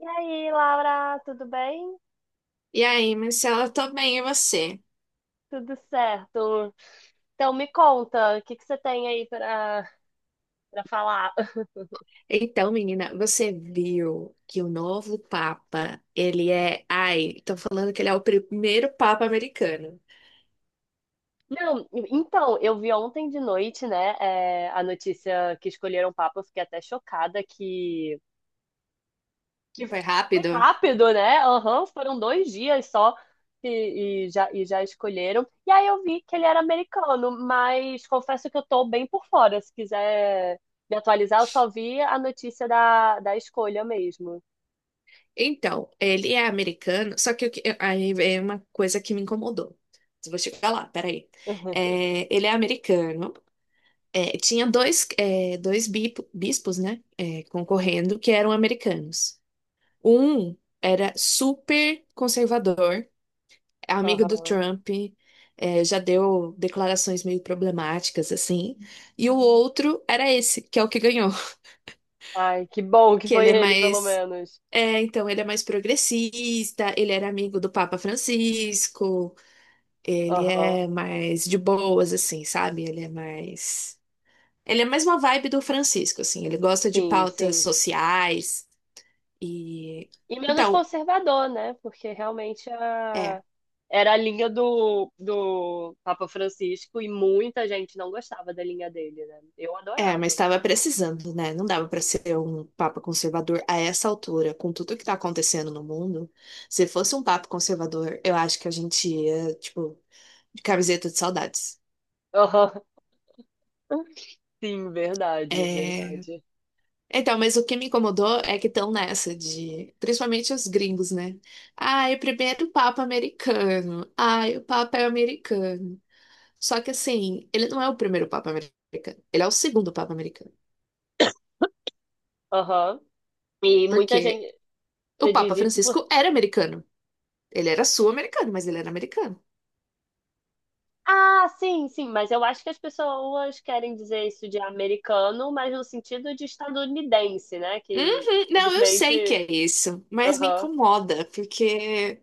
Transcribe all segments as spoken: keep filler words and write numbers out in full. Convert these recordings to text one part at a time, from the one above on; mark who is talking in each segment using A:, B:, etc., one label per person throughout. A: E aí, Laura, tudo bem?
B: E aí, Marcela, eu tô bem, e você?
A: Tudo certo. Então, me conta, o que que você tem aí para para falar?
B: Então, menina, você viu que o novo Papa, ele é. Ai, estão falando que ele é o primeiro Papa americano.
A: Não, então, eu vi ontem de noite, né, é, a notícia que escolheram o Papa, eu fiquei até chocada que, que
B: Foi
A: foi
B: rápido?
A: rápido, né? Aham, foram dois dias só e, e já, e já escolheram. E aí eu vi que ele era americano, mas confesso que eu tô bem por fora. Se quiser me atualizar, eu só vi a notícia da, da escolha mesmo.
B: Então, ele é americano, só que o que- aí é uma coisa que me incomodou. Vou chegar lá, peraí. É, ele é americano. É, tinha dois, é, dois bi- bispos, né, é, concorrendo, que eram americanos. Um era super conservador, é amiga do
A: Aham.
B: Trump, é, já deu declarações meio problemáticas, assim. E o outro era esse, que é o que ganhou.
A: Ai, que bom que
B: Que ele
A: foi
B: é
A: ele, pelo
B: mais.
A: menos.
B: É, então, ele é mais progressista, ele era amigo do Papa Francisco, ele
A: Aham.
B: é mais de boas, assim, sabe? Ele é mais. Ele é mais uma vibe do Francisco, assim, ele gosta de
A: Sim,
B: pautas
A: sim.
B: sociais e.
A: E menos
B: Então.
A: conservador, né? Porque realmente
B: É.
A: a... era a linha do, do Papa Francisco e muita gente não gostava da linha dele, né? Eu
B: É, mas
A: adorava.
B: estava precisando, né? Não dava para ser um papa conservador a essa altura, com tudo que está acontecendo no mundo. Se fosse um papa conservador, eu acho que a gente ia, tipo, de camiseta de saudades.
A: Aham. Sim, verdade,
B: É.
A: verdade.
B: Então, mas o que me incomodou é que estão nessa de, principalmente os gringos, né? Ai, o primeiro papa americano. Ai, o papa é americano. Só que assim, ele não é o primeiro papa americano. Ele é o segundo papa americano.
A: Aham. E muita
B: Porque
A: gente. Você
B: o Papa
A: diz isso.
B: Francisco era americano. Ele era sul-americano, mas ele era americano.
A: Ah, sim, sim, mas eu acho que as pessoas querem dizer isso de americano, mas no sentido de estadunidense, né? Que
B: Uhum. Não, eu sei que
A: infelizmente.
B: é isso, mas me
A: Aham.
B: incomoda, porque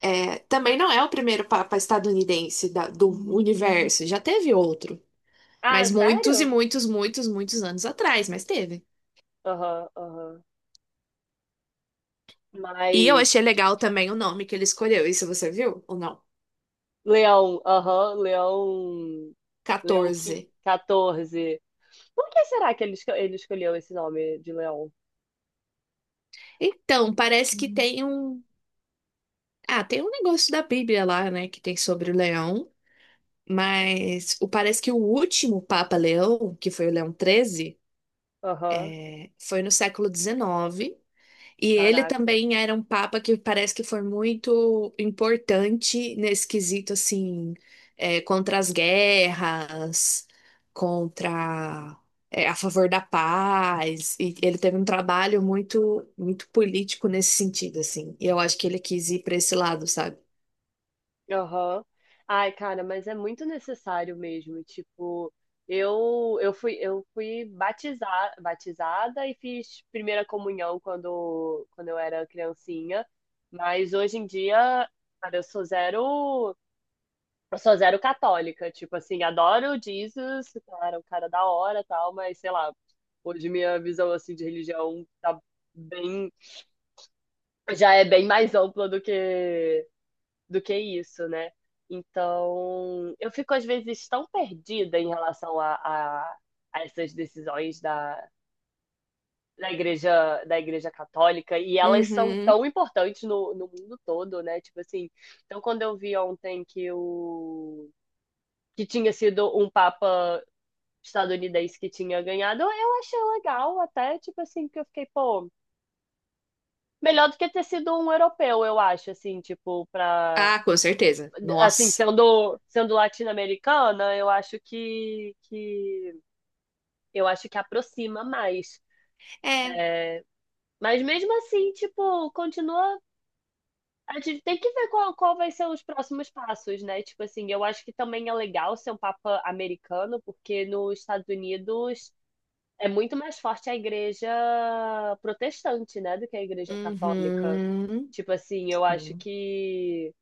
B: é, também não é o primeiro Papa estadunidense da- do universo, já teve outro,
A: Ah,
B: mas muitos e
A: sério?
B: muitos, muitos, muitos anos atrás, mas teve.
A: Aham, aham.
B: E eu achei
A: Mas.
B: legal também o nome que ele escolheu, isso você viu ou não?
A: Leão, aham, Leão. Leão
B: Quatorze.
A: quin- quatorze. Por que será que ele, esco- ele escolheu esse nome de Leão?
B: Então, parece que tem um. Ah, tem um negócio da Bíblia lá, né, que tem sobre o leão, mas o- parece que o último Papa Leão, que foi o Leão treze,
A: Aham.
B: foi no século dezenove. E ele
A: Caraca.
B: também era um papa que parece que foi muito importante nesse quesito, assim, é, contra as guerras, contra, é, a favor da paz. E ele teve um trabalho muito, muito político nesse sentido, assim. E eu acho que ele quis ir para esse lado, sabe?
A: Aham. Ai, cara, mas é muito necessário mesmo. Tipo, eu eu fui eu fui batizar, batizada e fiz primeira comunhão quando quando eu era criancinha, mas hoje em dia, cara, eu sou zero eu sou zero católica, tipo assim, adoro Jesus, cara, o cara da hora, tal, mas sei lá, hoje minha visão assim de religião tá bem já é bem mais ampla do que do que isso, né? Então, eu fico às vezes tão perdida em relação a, a, a essas decisões da, da igreja, da igreja católica, e elas são
B: Uhum.
A: tão importantes no, no mundo todo, né? Tipo assim, então quando eu vi ontem que o que tinha sido um papa estadunidense que tinha ganhado, eu achei legal até, tipo assim, que eu fiquei, pô, melhor do que ter sido um europeu, eu acho, assim, tipo, pra
B: Ah, com certeza.
A: assim,
B: Nossa.
A: sendo, sendo latino-americana, eu acho que, que eu acho que aproxima mais.
B: É.
A: Mas mesmo assim, tipo, continua. A gente tem que ver qual, qual vai ser os próximos passos, né? Tipo assim, eu acho que também é legal ser um papa americano, porque nos Estados Unidos é muito mais forte a igreja protestante, né, do que a igreja católica.
B: Uhum.
A: Tipo assim, eu acho
B: Hum.
A: que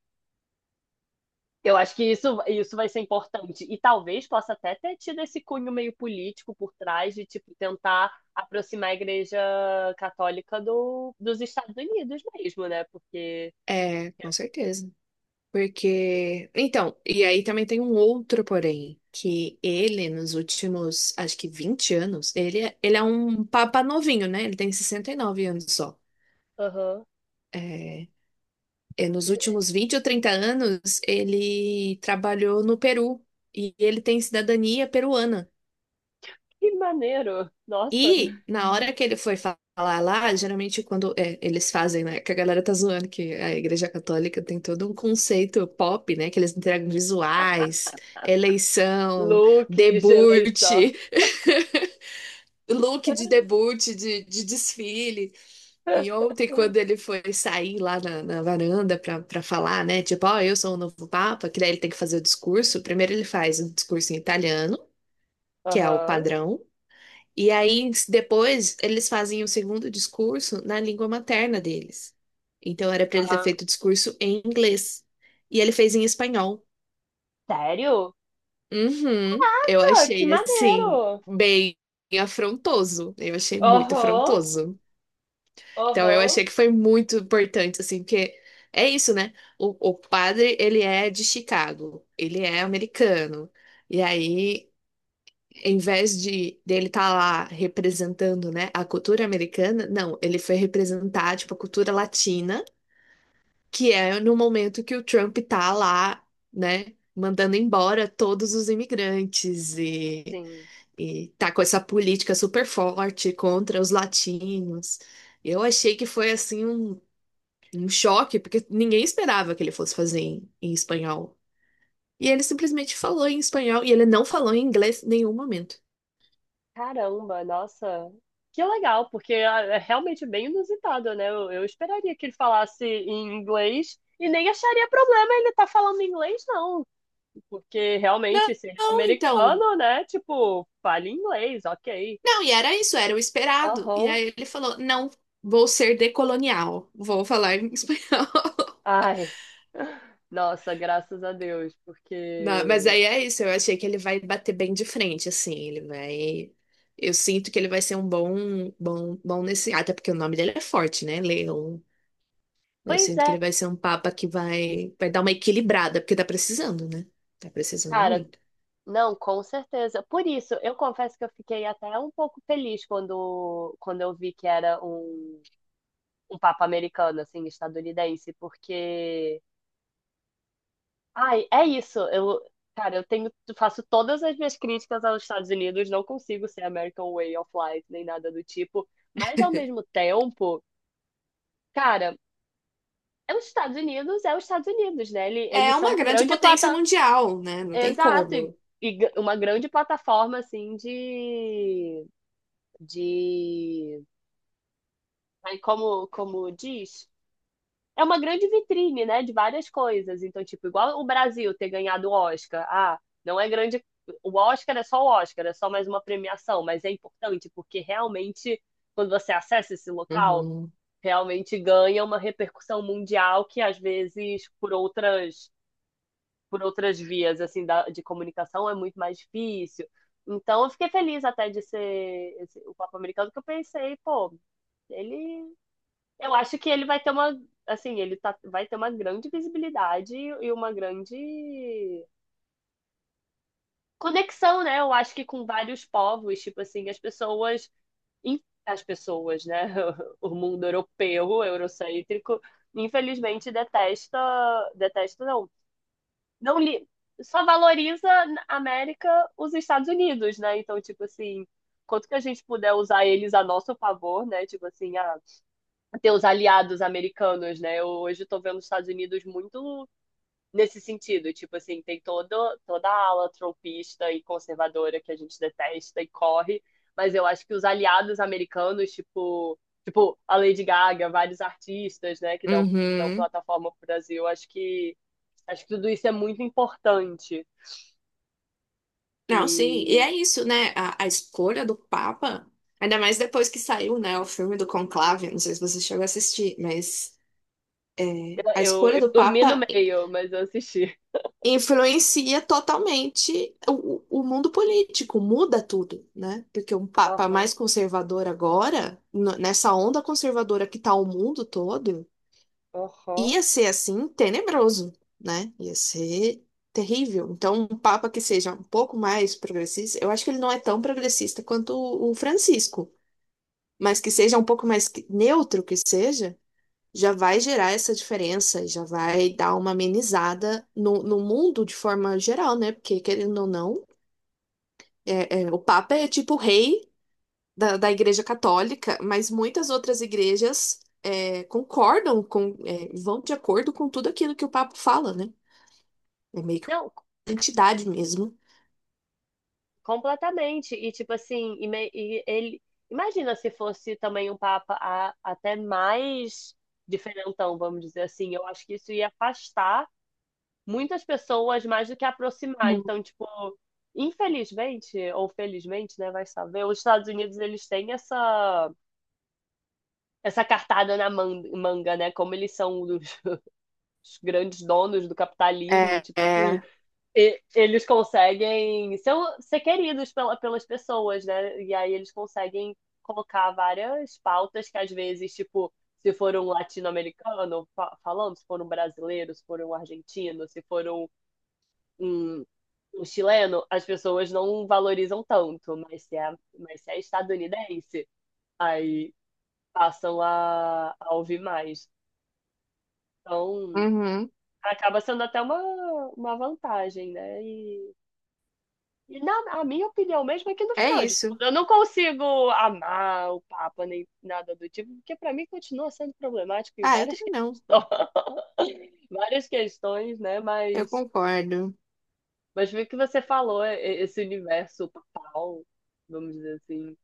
A: eu acho que isso, isso vai ser importante. E talvez possa até ter tido esse cunho meio político por trás de, tipo, tentar aproximar a Igreja Católica do, dos Estados Unidos mesmo, né? Porque.
B: É, com certeza. Porque. Então, e aí também tem um outro porém, que ele, nos últimos, acho que vinte anos, ele, é- ele é um papa novinho, né? Ele tem sessenta e nove anos só.
A: Aham.
B: É, é, nos últimos vinte ou trinta anos, ele trabalhou no Peru. E ele tem cidadania peruana.
A: Que maneiro! Nossa!
B: E na hora que ele foi fa- falar lá, geralmente quando é, eles fazem, né? Que a galera tá zoando que a Igreja Católica tem todo um conceito pop, né? Que eles entregam visuais, eleição,
A: Luke, Geleição.
B: debut, look de debut, de, de desfile. E ontem, quando ele foi sair lá na, na varanda pra, pra falar, né? Tipo, ó, eu sou o novo Papa, que daí ele tem que fazer o discurso. Primeiro ele faz o discurso em italiano, que é o
A: Aham.
B: padrão. E aí, depois, eles fazem o segundo discurso na língua materna deles. Então, era para ele ter
A: Aham.
B: feito o discurso em inglês. E ele fez em espanhol.
A: Sério?
B: Uhum, eu
A: Caraca, que
B: achei, assim,
A: maneiro!
B: bem afrontoso. Eu achei muito
A: Aham.
B: afrontoso. Então, eu
A: Aham.
B: achei que foi muito importante, assim, porque é isso, né? O, o padre, ele é de Chicago. Ele é americano. E aí. Em vez de dele estar lá representando, né, a cultura americana, não, ele foi representar, tipo, a cultura latina, que é no momento que o Trump tá lá, né, mandando embora todos os imigrantes e,
A: Sim.
B: e tá com essa política super forte contra os latinos. Eu achei que foi, assim, um, um choque, porque ninguém esperava que ele fosse fazer em, em espanhol. E ele simplesmente falou em espanhol, e ele não falou em inglês em nenhum momento.
A: Caramba, nossa, que legal, porque é é realmente bem inusitado, né? Eu, eu esperaria que ele falasse em inglês e nem acharia problema ele estar falando inglês, não, porque
B: Não,
A: realmente, se ele é
B: não, então.
A: americano, né? Tipo, fale inglês, ok.
B: Não, e era isso, era o esperado. E
A: Aham.
B: aí ele falou: não, vou ser decolonial, vou falar em espanhol.
A: Ai, nossa, graças a Deus,
B: Não, mas
A: porque.
B: aí é isso, eu achei que ele vai bater bem de frente, assim, ele vai. Eu sinto que ele vai ser um bom, bom, bom nesse. Até porque o nome dele é forte, né? Leon. Eu
A: Pois
B: sinto que
A: é,
B: ele vai ser um papa que vai, vai, dar uma equilibrada, porque tá precisando, né? Tá precisando
A: cara,
B: muito.
A: não, com certeza. Por isso, eu confesso que eu fiquei até um pouco feliz quando, quando eu vi que era um. Um papo americano, assim, estadunidense, porque. Ai, é isso. Eu, cara, eu tenho, faço todas as minhas críticas aos Estados Unidos, não consigo ser American Way of Life, nem nada do tipo, mas ao mesmo tempo, cara, é os Estados Unidos, é os Estados Unidos, né? Ele-
B: É
A: Eles são
B: uma
A: uma
B: grande
A: grande
B: potência
A: plata.
B: mundial, né? Não tem
A: Exato, e,
B: como.
A: e g- uma grande plataforma, assim, de. De. Ai, como, como diz? É uma grande vitrine, né, de várias coisas. Então, tipo, igual o Brasil ter ganhado o Oscar. Ah, não é grande. O Oscar é só o Oscar, é só mais uma premiação, mas é importante porque realmente, quando você acessa esse local,
B: Uhum.
A: realmente ganha uma repercussão mundial que às vezes por outras por outras vias assim da, de comunicação é muito mais difícil. Então, eu fiquei feliz até de ser esse- o Papa Americano, que eu pensei, pô, ele eu acho que ele vai ter uma, assim, ele tá, vai ter uma grande visibilidade e uma grande conexão, né? Eu acho que com vários povos, tipo assim, as pessoas, as pessoas, né? O mundo europeu, eurocêntrico, infelizmente detesta, detesta não, não li, só valoriza na América os Estados Unidos, né? Então, tipo assim, quanto que a gente puder usar eles a nosso favor, né? Tipo assim, ah, ter os aliados americanos, né? Eu hoje estou vendo os Estados Unidos muito nesse sentido, tipo assim, tem todo, toda a ala trumpista e conservadora que a gente detesta e corre, mas eu acho que os aliados americanos, tipo, tipo a Lady Gaga, vários artistas, né, que dão, dão
B: Uhum.
A: plataforma para o Brasil, acho que acho que tudo isso é muito importante.
B: Não, sim. E
A: E
B: é isso, né? A, a escolha do Papa, ainda mais depois que saiu, né, o filme do Conclave, não sei se você chegou a assistir, mas é,
A: eu,
B: a
A: eu,
B: escolha
A: eu
B: do
A: dormi no
B: Papa
A: meio, mas eu assisti.
B: influencia totalmente o, o mundo político, muda tudo, né? Porque um Papa
A: Aham,
B: mais conservador agora, no- nessa onda conservadora que tá o mundo todo,
A: aham.
B: ia ser assim tenebroso, né? Ia ser terrível. Então, um papa que seja um pouco mais progressista, eu acho que ele não é tão progressista quanto o o Francisco, mas que seja um pouco mais que- neutro que seja, já vai gerar essa diferença, e já vai dar uma amenizada no, no mundo de forma geral, né? Porque, querendo ou não, é- é, o papa é tipo o rei da, da Igreja Católica, mas muitas outras igrejas. É, concordam com, é, vão de acordo com tudo aquilo que o Papa fala, né? É meio que uma
A: Não,
B: entidade mesmo.
A: completamente. E tipo assim, e me- e ele imagina se fosse também um papa a- até mais diferentão, vamos dizer assim. Eu acho que isso ia afastar muitas pessoas mais do que aproximar.
B: Uhum.
A: Então, tipo, infelizmente ou felizmente, né, vai saber, os Estados Unidos eles têm essa essa cartada na man- manga, né? Como eles são os os grandes donos do capitalismo,
B: É,
A: tipo assim,
B: é,
A: e- eles conseguem ser, um, ser queridos pela, pelas pessoas, né? E aí eles conseguem colocar várias pautas que às vezes, tipo, se for um latino-americano fa- falando, se for um brasileiro, se for um argentino, se for um, um, um chileno, as pessoas não valorizam tanto, mas se é, mas se é estadunidense, aí passam a, a ouvir mais. Então,
B: uhum.
A: acaba sendo até uma, uma vantagem, né? E e na, a minha opinião mesmo é que no
B: É
A: final de tudo,
B: isso.
A: eu não consigo amar o Papa nem nada do tipo, porque para mim continua sendo problemático em
B: Ah, eu
A: várias
B: também não.
A: questões, várias questões, né?
B: Eu
A: Mas,
B: concordo.
A: mas o que você falou, e- e- esse universo papal, vamos dizer assim.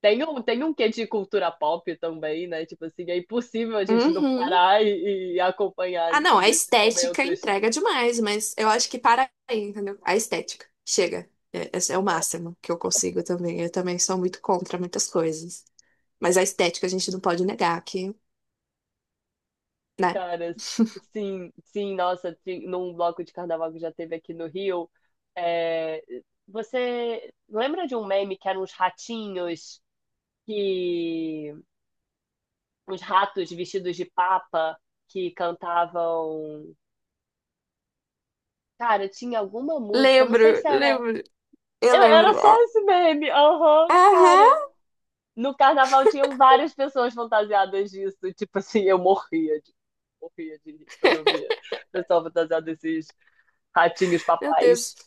A: Tem um, tem um quê de cultura pop também, né? Tipo assim, é impossível a gente não
B: Uhum.
A: parar e, e acompanhar
B: Ah, não, a
A: nesses
B: estética
A: momentos.
B: entrega demais, mas eu acho que para aí, entendeu? A estética. Chega. É- Esse é o máximo que eu consigo também. Eu também sou muito contra muitas coisas. Mas a estética a gente não pode negar que, né?
A: Cara, sim, sim, nossa, ti- num bloco de carnaval que já teve aqui no Rio, é, você lembra de um meme que eram uns ratinhos que, uns ratos vestidos de papa que cantavam, cara, tinha alguma música, não
B: Lembro,
A: sei se era.
B: lembro. Eu
A: Eu- era
B: lembro. Ah.
A: só esse meme, aham,
B: Aham.
A: cara, no carnaval tinham várias pessoas fantasiadas disso, tipo assim, eu morria de, morria de rir quando eu via pessoal fantasiado desses ratinhos
B: Meu Deus.
A: papais.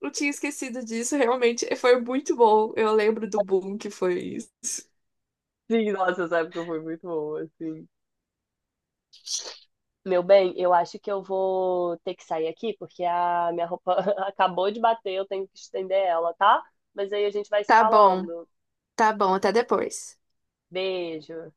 B: Eu tinha esquecido disso, realmente foi muito bom. Eu lembro do boom que foi isso.
A: Sim, nossa, essa época foi muito boa, assim. Meu bem, eu acho que eu vou ter que sair aqui, porque a minha roupa acabou de bater, eu tenho que estender ela, tá? Mas aí a gente vai se
B: Tá bom,
A: falando.
B: tá bom, até depois.
A: Beijo.